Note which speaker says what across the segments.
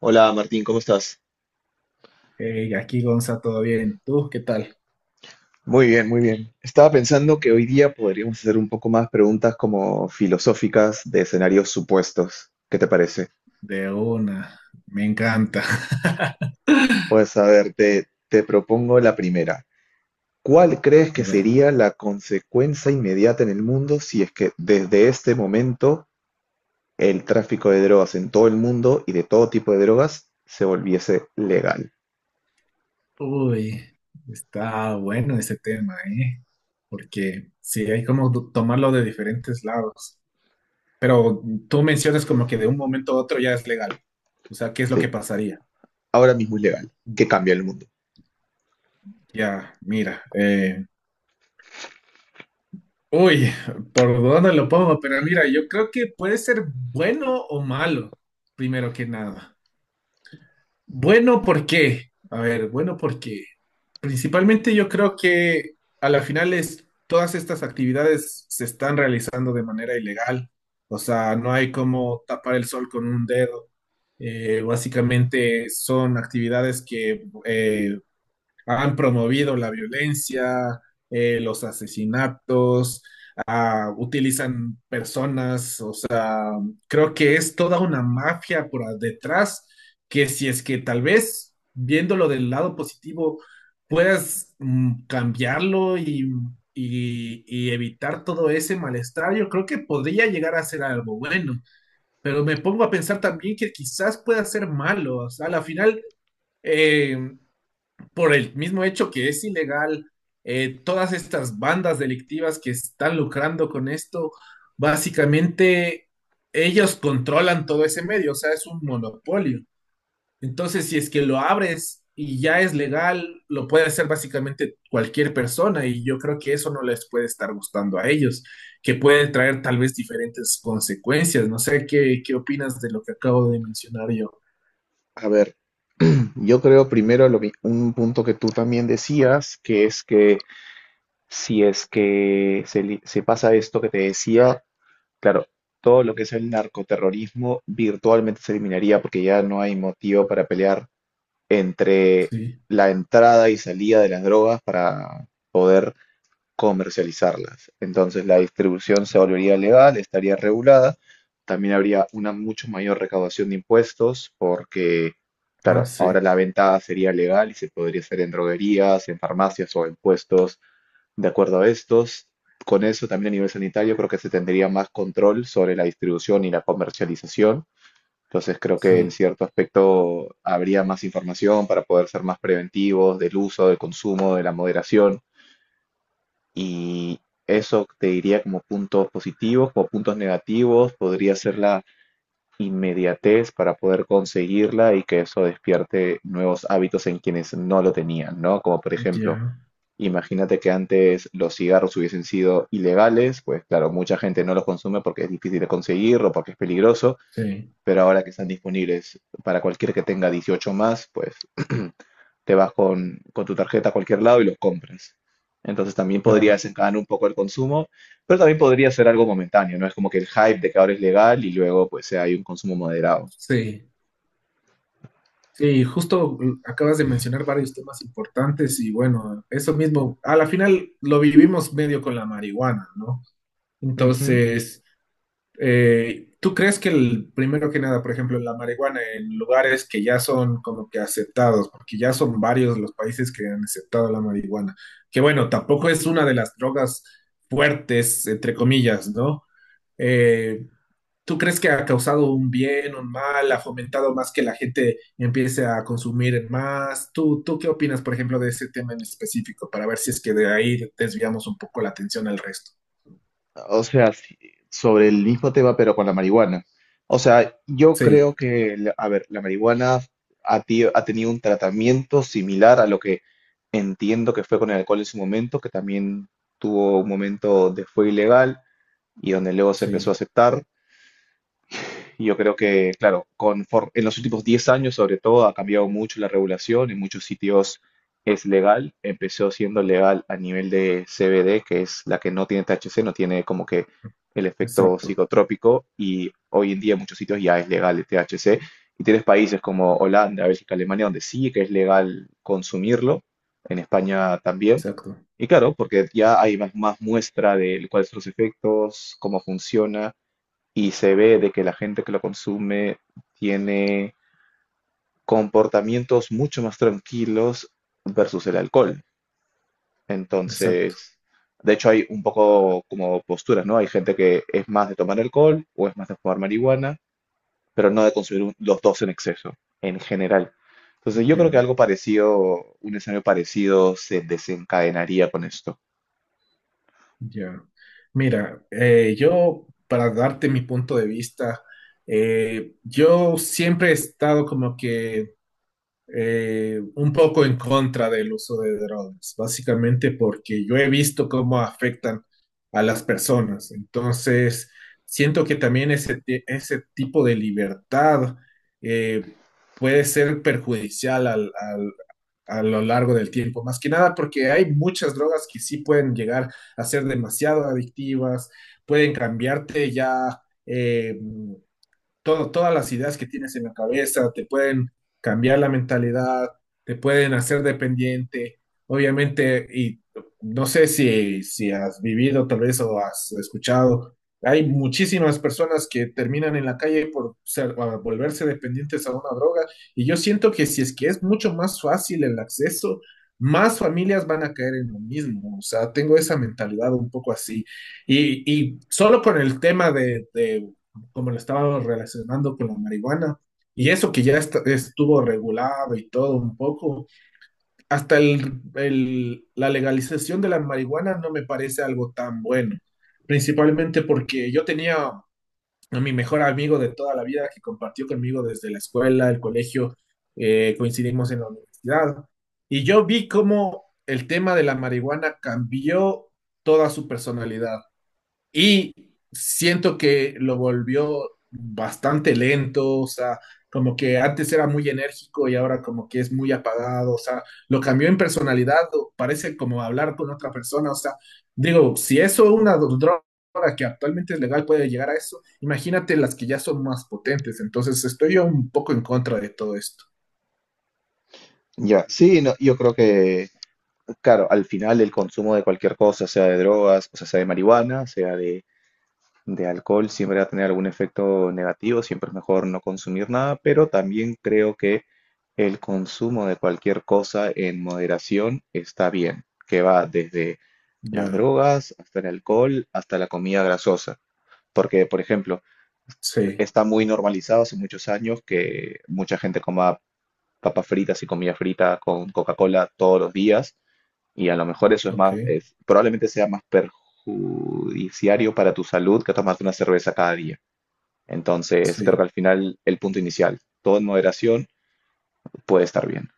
Speaker 1: Hola Martín, ¿cómo estás?
Speaker 2: Hey, aquí Gonza, todo bien. ¿Tú qué tal?
Speaker 1: Muy bien, muy bien. Estaba pensando que hoy día podríamos hacer un poco más preguntas como filosóficas de escenarios supuestos. ¿Qué te parece?
Speaker 2: De una, me encanta.
Speaker 1: Pues a ver, te propongo la primera. ¿Cuál crees
Speaker 2: A
Speaker 1: que
Speaker 2: ver,
Speaker 1: sería la consecuencia inmediata en el mundo si es que desde este momento el tráfico de drogas en todo el mundo y de todo tipo de drogas se volviese legal?
Speaker 2: uy, está bueno ese tema, ¿eh? Porque sí, hay como tomarlo de diferentes lados. Pero tú mencionas como que de un momento a otro ya es legal. O sea, ¿qué es lo
Speaker 1: Sí,
Speaker 2: que pasaría?
Speaker 1: ahora mismo es legal. ¿Qué cambia el mundo?
Speaker 2: Ya, mira, uy, ¿por dónde lo pongo? Pero mira, yo creo que puede ser bueno o malo, primero que nada. Bueno, ¿por qué? A ver, bueno, ¿por qué? Principalmente yo creo que a la final es, todas estas actividades se están realizando de manera ilegal, o sea, no hay como tapar el sol con un dedo. Básicamente son actividades que han promovido la violencia, los asesinatos, ah, utilizan personas. Creo que es toda una mafia por detrás que, si es que tal vez viéndolo del lado positivo, puedas cambiarlo y, y evitar todo ese malestar. Yo creo que podría llegar a ser algo bueno. Pero me pongo a pensar también que quizás pueda ser malo. O sea, a la final, eh, por el mismo hecho que es ilegal, todas estas bandas delictivas que están lucrando con esto, básicamente ellos controlan todo ese medio, o sea, es un monopolio. Entonces, si es que lo abres y ya es legal, lo puede hacer básicamente cualquier persona y yo creo que eso no les puede estar gustando a ellos, que puede traer tal vez diferentes consecuencias. No sé qué, qué opinas de lo que acabo de mencionar yo.
Speaker 1: A ver, yo creo primero un punto que tú también decías, que es que si es que se pasa esto que te decía, claro, todo lo que es el narcoterrorismo virtualmente se eliminaría porque ya no hay motivo para pelear entre
Speaker 2: Sí.
Speaker 1: la entrada y salida de las drogas para comercializarlas. Entonces la distribución se volvería legal, estaría regulada, también habría una mucho mayor recaudación de impuestos porque,
Speaker 2: Ah,
Speaker 1: claro,
Speaker 2: sí,
Speaker 1: ahora la venta sería legal y se podría hacer en droguerías, en farmacias o en puestos de acuerdo a estos. Con eso también a nivel sanitario creo que se tendría más control sobre la distribución y la comercialización. Entonces creo que en
Speaker 2: sí,
Speaker 1: cierto aspecto habría más información para poder ser más preventivos del uso, del consumo, de la moderación. Y eso te diría como puntos positivos; como puntos negativos, podría ser la inmediatez para poder conseguirla y que eso despierte nuevos hábitos en quienes no lo tenían, ¿no? Como por ejemplo,
Speaker 2: ya,
Speaker 1: imagínate que antes los cigarros hubiesen sido ilegales, pues claro, mucha gente no los consume porque es difícil de conseguir o porque es peligroso,
Speaker 2: sí,
Speaker 1: pero ahora que están disponibles para cualquier que tenga 18 más, pues te vas con tu tarjeta a cualquier lado y lo compras. Entonces también podría
Speaker 2: claro.
Speaker 1: desencadenar un poco el consumo, pero también podría ser algo momentáneo, ¿no? Es como que el hype de que ahora es legal y luego pues hay un consumo moderado.
Speaker 2: Sí, sí, justo acabas de mencionar varios temas importantes y bueno, eso mismo, a la final lo vivimos medio con la marihuana, ¿no?
Speaker 1: Ujú.
Speaker 2: Entonces, ¿tú crees que el, primero que nada, por ejemplo, la marihuana en lugares que ya son como que aceptados, porque ya son varios los países que han aceptado la marihuana, que bueno, tampoco es una de las drogas fuertes, entre comillas, ¿no? Eh, ¿Tú crees que ha causado un bien, un mal, ha fomentado más que la gente empiece a consumir más? Tú qué opinas, por ejemplo, de ese tema en específico para ver si es que de ahí desviamos un poco la atención al resto?
Speaker 1: O sea, sí, sobre el mismo tema, pero con la marihuana. O sea, yo
Speaker 2: Sí,
Speaker 1: creo que, a ver, la marihuana ha tenido un tratamiento similar a lo que entiendo que fue con el alcohol en su momento, que también tuvo un momento de fue ilegal y donde luego se empezó a
Speaker 2: sí,
Speaker 1: aceptar. Y yo creo que, claro, en los últimos 10 años, sobre todo, ha cambiado mucho la regulación. En muchos sitios es legal. Empezó siendo legal a nivel de CBD, que es la que no tiene THC, no tiene como que el efecto
Speaker 2: exacto,
Speaker 1: psicotrópico. Y hoy en día en muchos sitios ya es legal el THC. Y tienes países como Holanda, Bélgica, Alemania, donde sí que es legal consumirlo. En España también.
Speaker 2: exacto,
Speaker 1: Y claro, porque ya hay más muestra de cuáles son los efectos, cómo funciona y se ve de que la gente que lo consume tiene comportamientos mucho más tranquilos versus el alcohol.
Speaker 2: exacto.
Speaker 1: Entonces, de hecho hay un poco como posturas, ¿no? Hay gente que es más de tomar alcohol o es más de fumar marihuana, pero no de consumir los dos en exceso, en general. Entonces, yo creo que
Speaker 2: Ya,
Speaker 1: algo parecido, un escenario parecido se desencadenaría con esto.
Speaker 2: ya. Mira, yo, para darte mi punto de vista, yo siempre he estado como que un poco en contra del uso de drogas, básicamente porque yo he visto cómo afectan a las personas. Entonces, siento que también ese, ese tipo de libertad eh, puede ser perjudicial a lo largo del tiempo, más que nada porque hay muchas drogas que sí pueden llegar a ser demasiado adictivas, pueden cambiarte ya. Eh, todas las ideas que tienes en la cabeza, te pueden cambiar la mentalidad, te pueden hacer dependiente. Obviamente, y no sé si has vivido tal vez o has escuchado, hay muchísimas personas que terminan en la calle por a volverse dependientes a una droga, y yo siento que si es que es mucho más fácil el acceso, más familias van a caer en lo mismo. O sea, tengo esa mentalidad un poco así. Y solo con el tema de como lo estábamos relacionando con la marihuana. Y eso que ya estuvo regulado y todo un poco, hasta la legalización de la marihuana no me parece algo tan bueno, principalmente porque yo tenía a mi mejor amigo de toda la vida que compartió conmigo desde la escuela, el colegio, coincidimos en la universidad, y yo vi cómo el tema de la marihuana cambió toda su personalidad. Y siento que lo volvió bastante lento, o sea, como que antes era muy enérgico y ahora como que es muy apagado, o sea, lo cambió en personalidad, o parece como hablar con otra persona, o sea, digo, si eso una droga que actualmente es legal puede llegar a eso, imagínate las que ya son más potentes, entonces estoy yo un poco en contra de todo esto.
Speaker 1: Ya, sí, no, yo creo que, claro, al final el consumo de cualquier cosa, sea de drogas, o sea, sea de marihuana, sea de alcohol siempre va a tener algún efecto negativo, siempre es mejor no consumir nada, pero también creo que el consumo de cualquier cosa en moderación está bien, que va desde las
Speaker 2: Ya,
Speaker 1: drogas hasta el alcohol, hasta la comida grasosa. Porque, por ejemplo,
Speaker 2: sí,
Speaker 1: está muy normalizado hace muchos años que mucha gente coma papas fritas y comida frita con Coca-Cola todos los días, y a lo mejor eso es
Speaker 2: ok,
Speaker 1: más, probablemente sea más perjudiciario para tu salud que tomarte una cerveza cada día. Entonces, creo que
Speaker 2: sí.
Speaker 1: al final el punto inicial, todo en moderación, puede estar bien.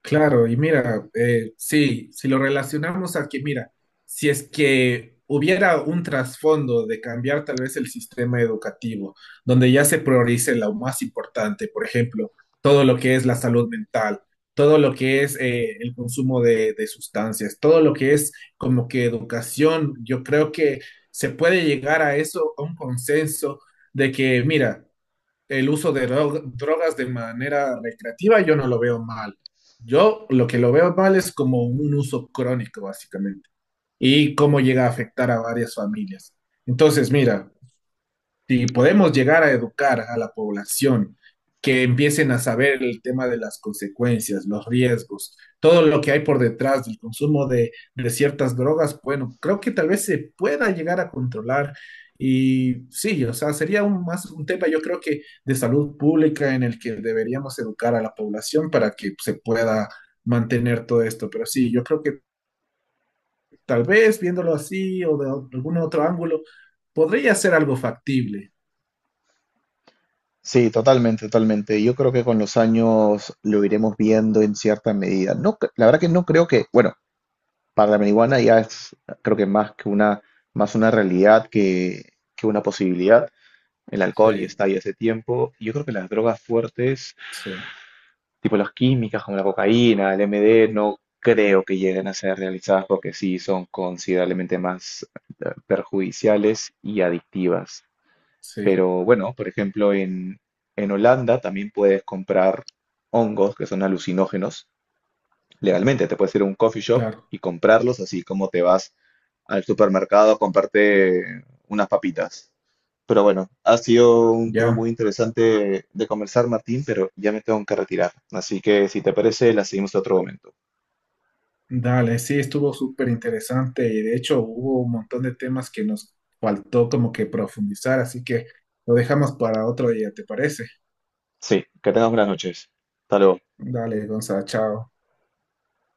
Speaker 2: Claro, y mira, sí, si lo relacionamos a que, mira, si es que hubiera un trasfondo de cambiar tal vez el sistema educativo, donde ya se priorice lo más importante, por ejemplo, todo lo que es la salud mental, todo lo que es el consumo de sustancias, todo lo que es como que educación, yo creo que se puede llegar a eso, a un consenso de que, mira, el uso de drogas de manera recreativa, yo no lo veo mal. Yo lo que lo veo mal es como un uso crónico, básicamente, y cómo llega a afectar a varias familias. Entonces, mira, si podemos llegar a educar a la población, que empiecen a saber el tema de las consecuencias, los riesgos, todo lo que hay por detrás del consumo de ciertas drogas, bueno, creo que tal vez se pueda llegar a controlar. Y sí, o sea, sería un, más un tema, yo creo que de salud pública en el que deberíamos educar a la población para que se pueda mantener todo esto. Pero sí, yo creo que tal vez viéndolo así o de algún otro ángulo, podría ser algo factible.
Speaker 1: Sí, totalmente, totalmente. Yo creo que con los años lo iremos viendo en cierta medida. No, la verdad que no creo que, bueno, para la marihuana ya es, creo que más que una, más una realidad que una posibilidad. El alcohol ya
Speaker 2: Sí.
Speaker 1: está ahí hace tiempo. Yo creo que las drogas fuertes,
Speaker 2: Sí,
Speaker 1: tipo las químicas como la cocaína, el MD, no creo que lleguen a ser realizadas porque sí son considerablemente más perjudiciales y adictivas.
Speaker 2: sí,
Speaker 1: Pero bueno, por ejemplo, en Holanda también puedes comprar hongos que son alucinógenos legalmente. Te puedes ir a un coffee shop
Speaker 2: claro,
Speaker 1: y comprarlos, así como te vas al supermercado a comprarte unas papitas. Pero bueno, ha sido un tema
Speaker 2: ya,
Speaker 1: muy interesante de conversar, Martín, pero ya me tengo que retirar. Así que si te parece, la seguimos en otro momento.
Speaker 2: dale, sí, estuvo súper interesante y de hecho hubo un montón de temas que nos faltó como que profundizar, así que lo dejamos para otro día, ¿te parece?
Speaker 1: Sí, que tengas buenas noches. Hasta luego.
Speaker 2: Dale, Gonzalo, chao.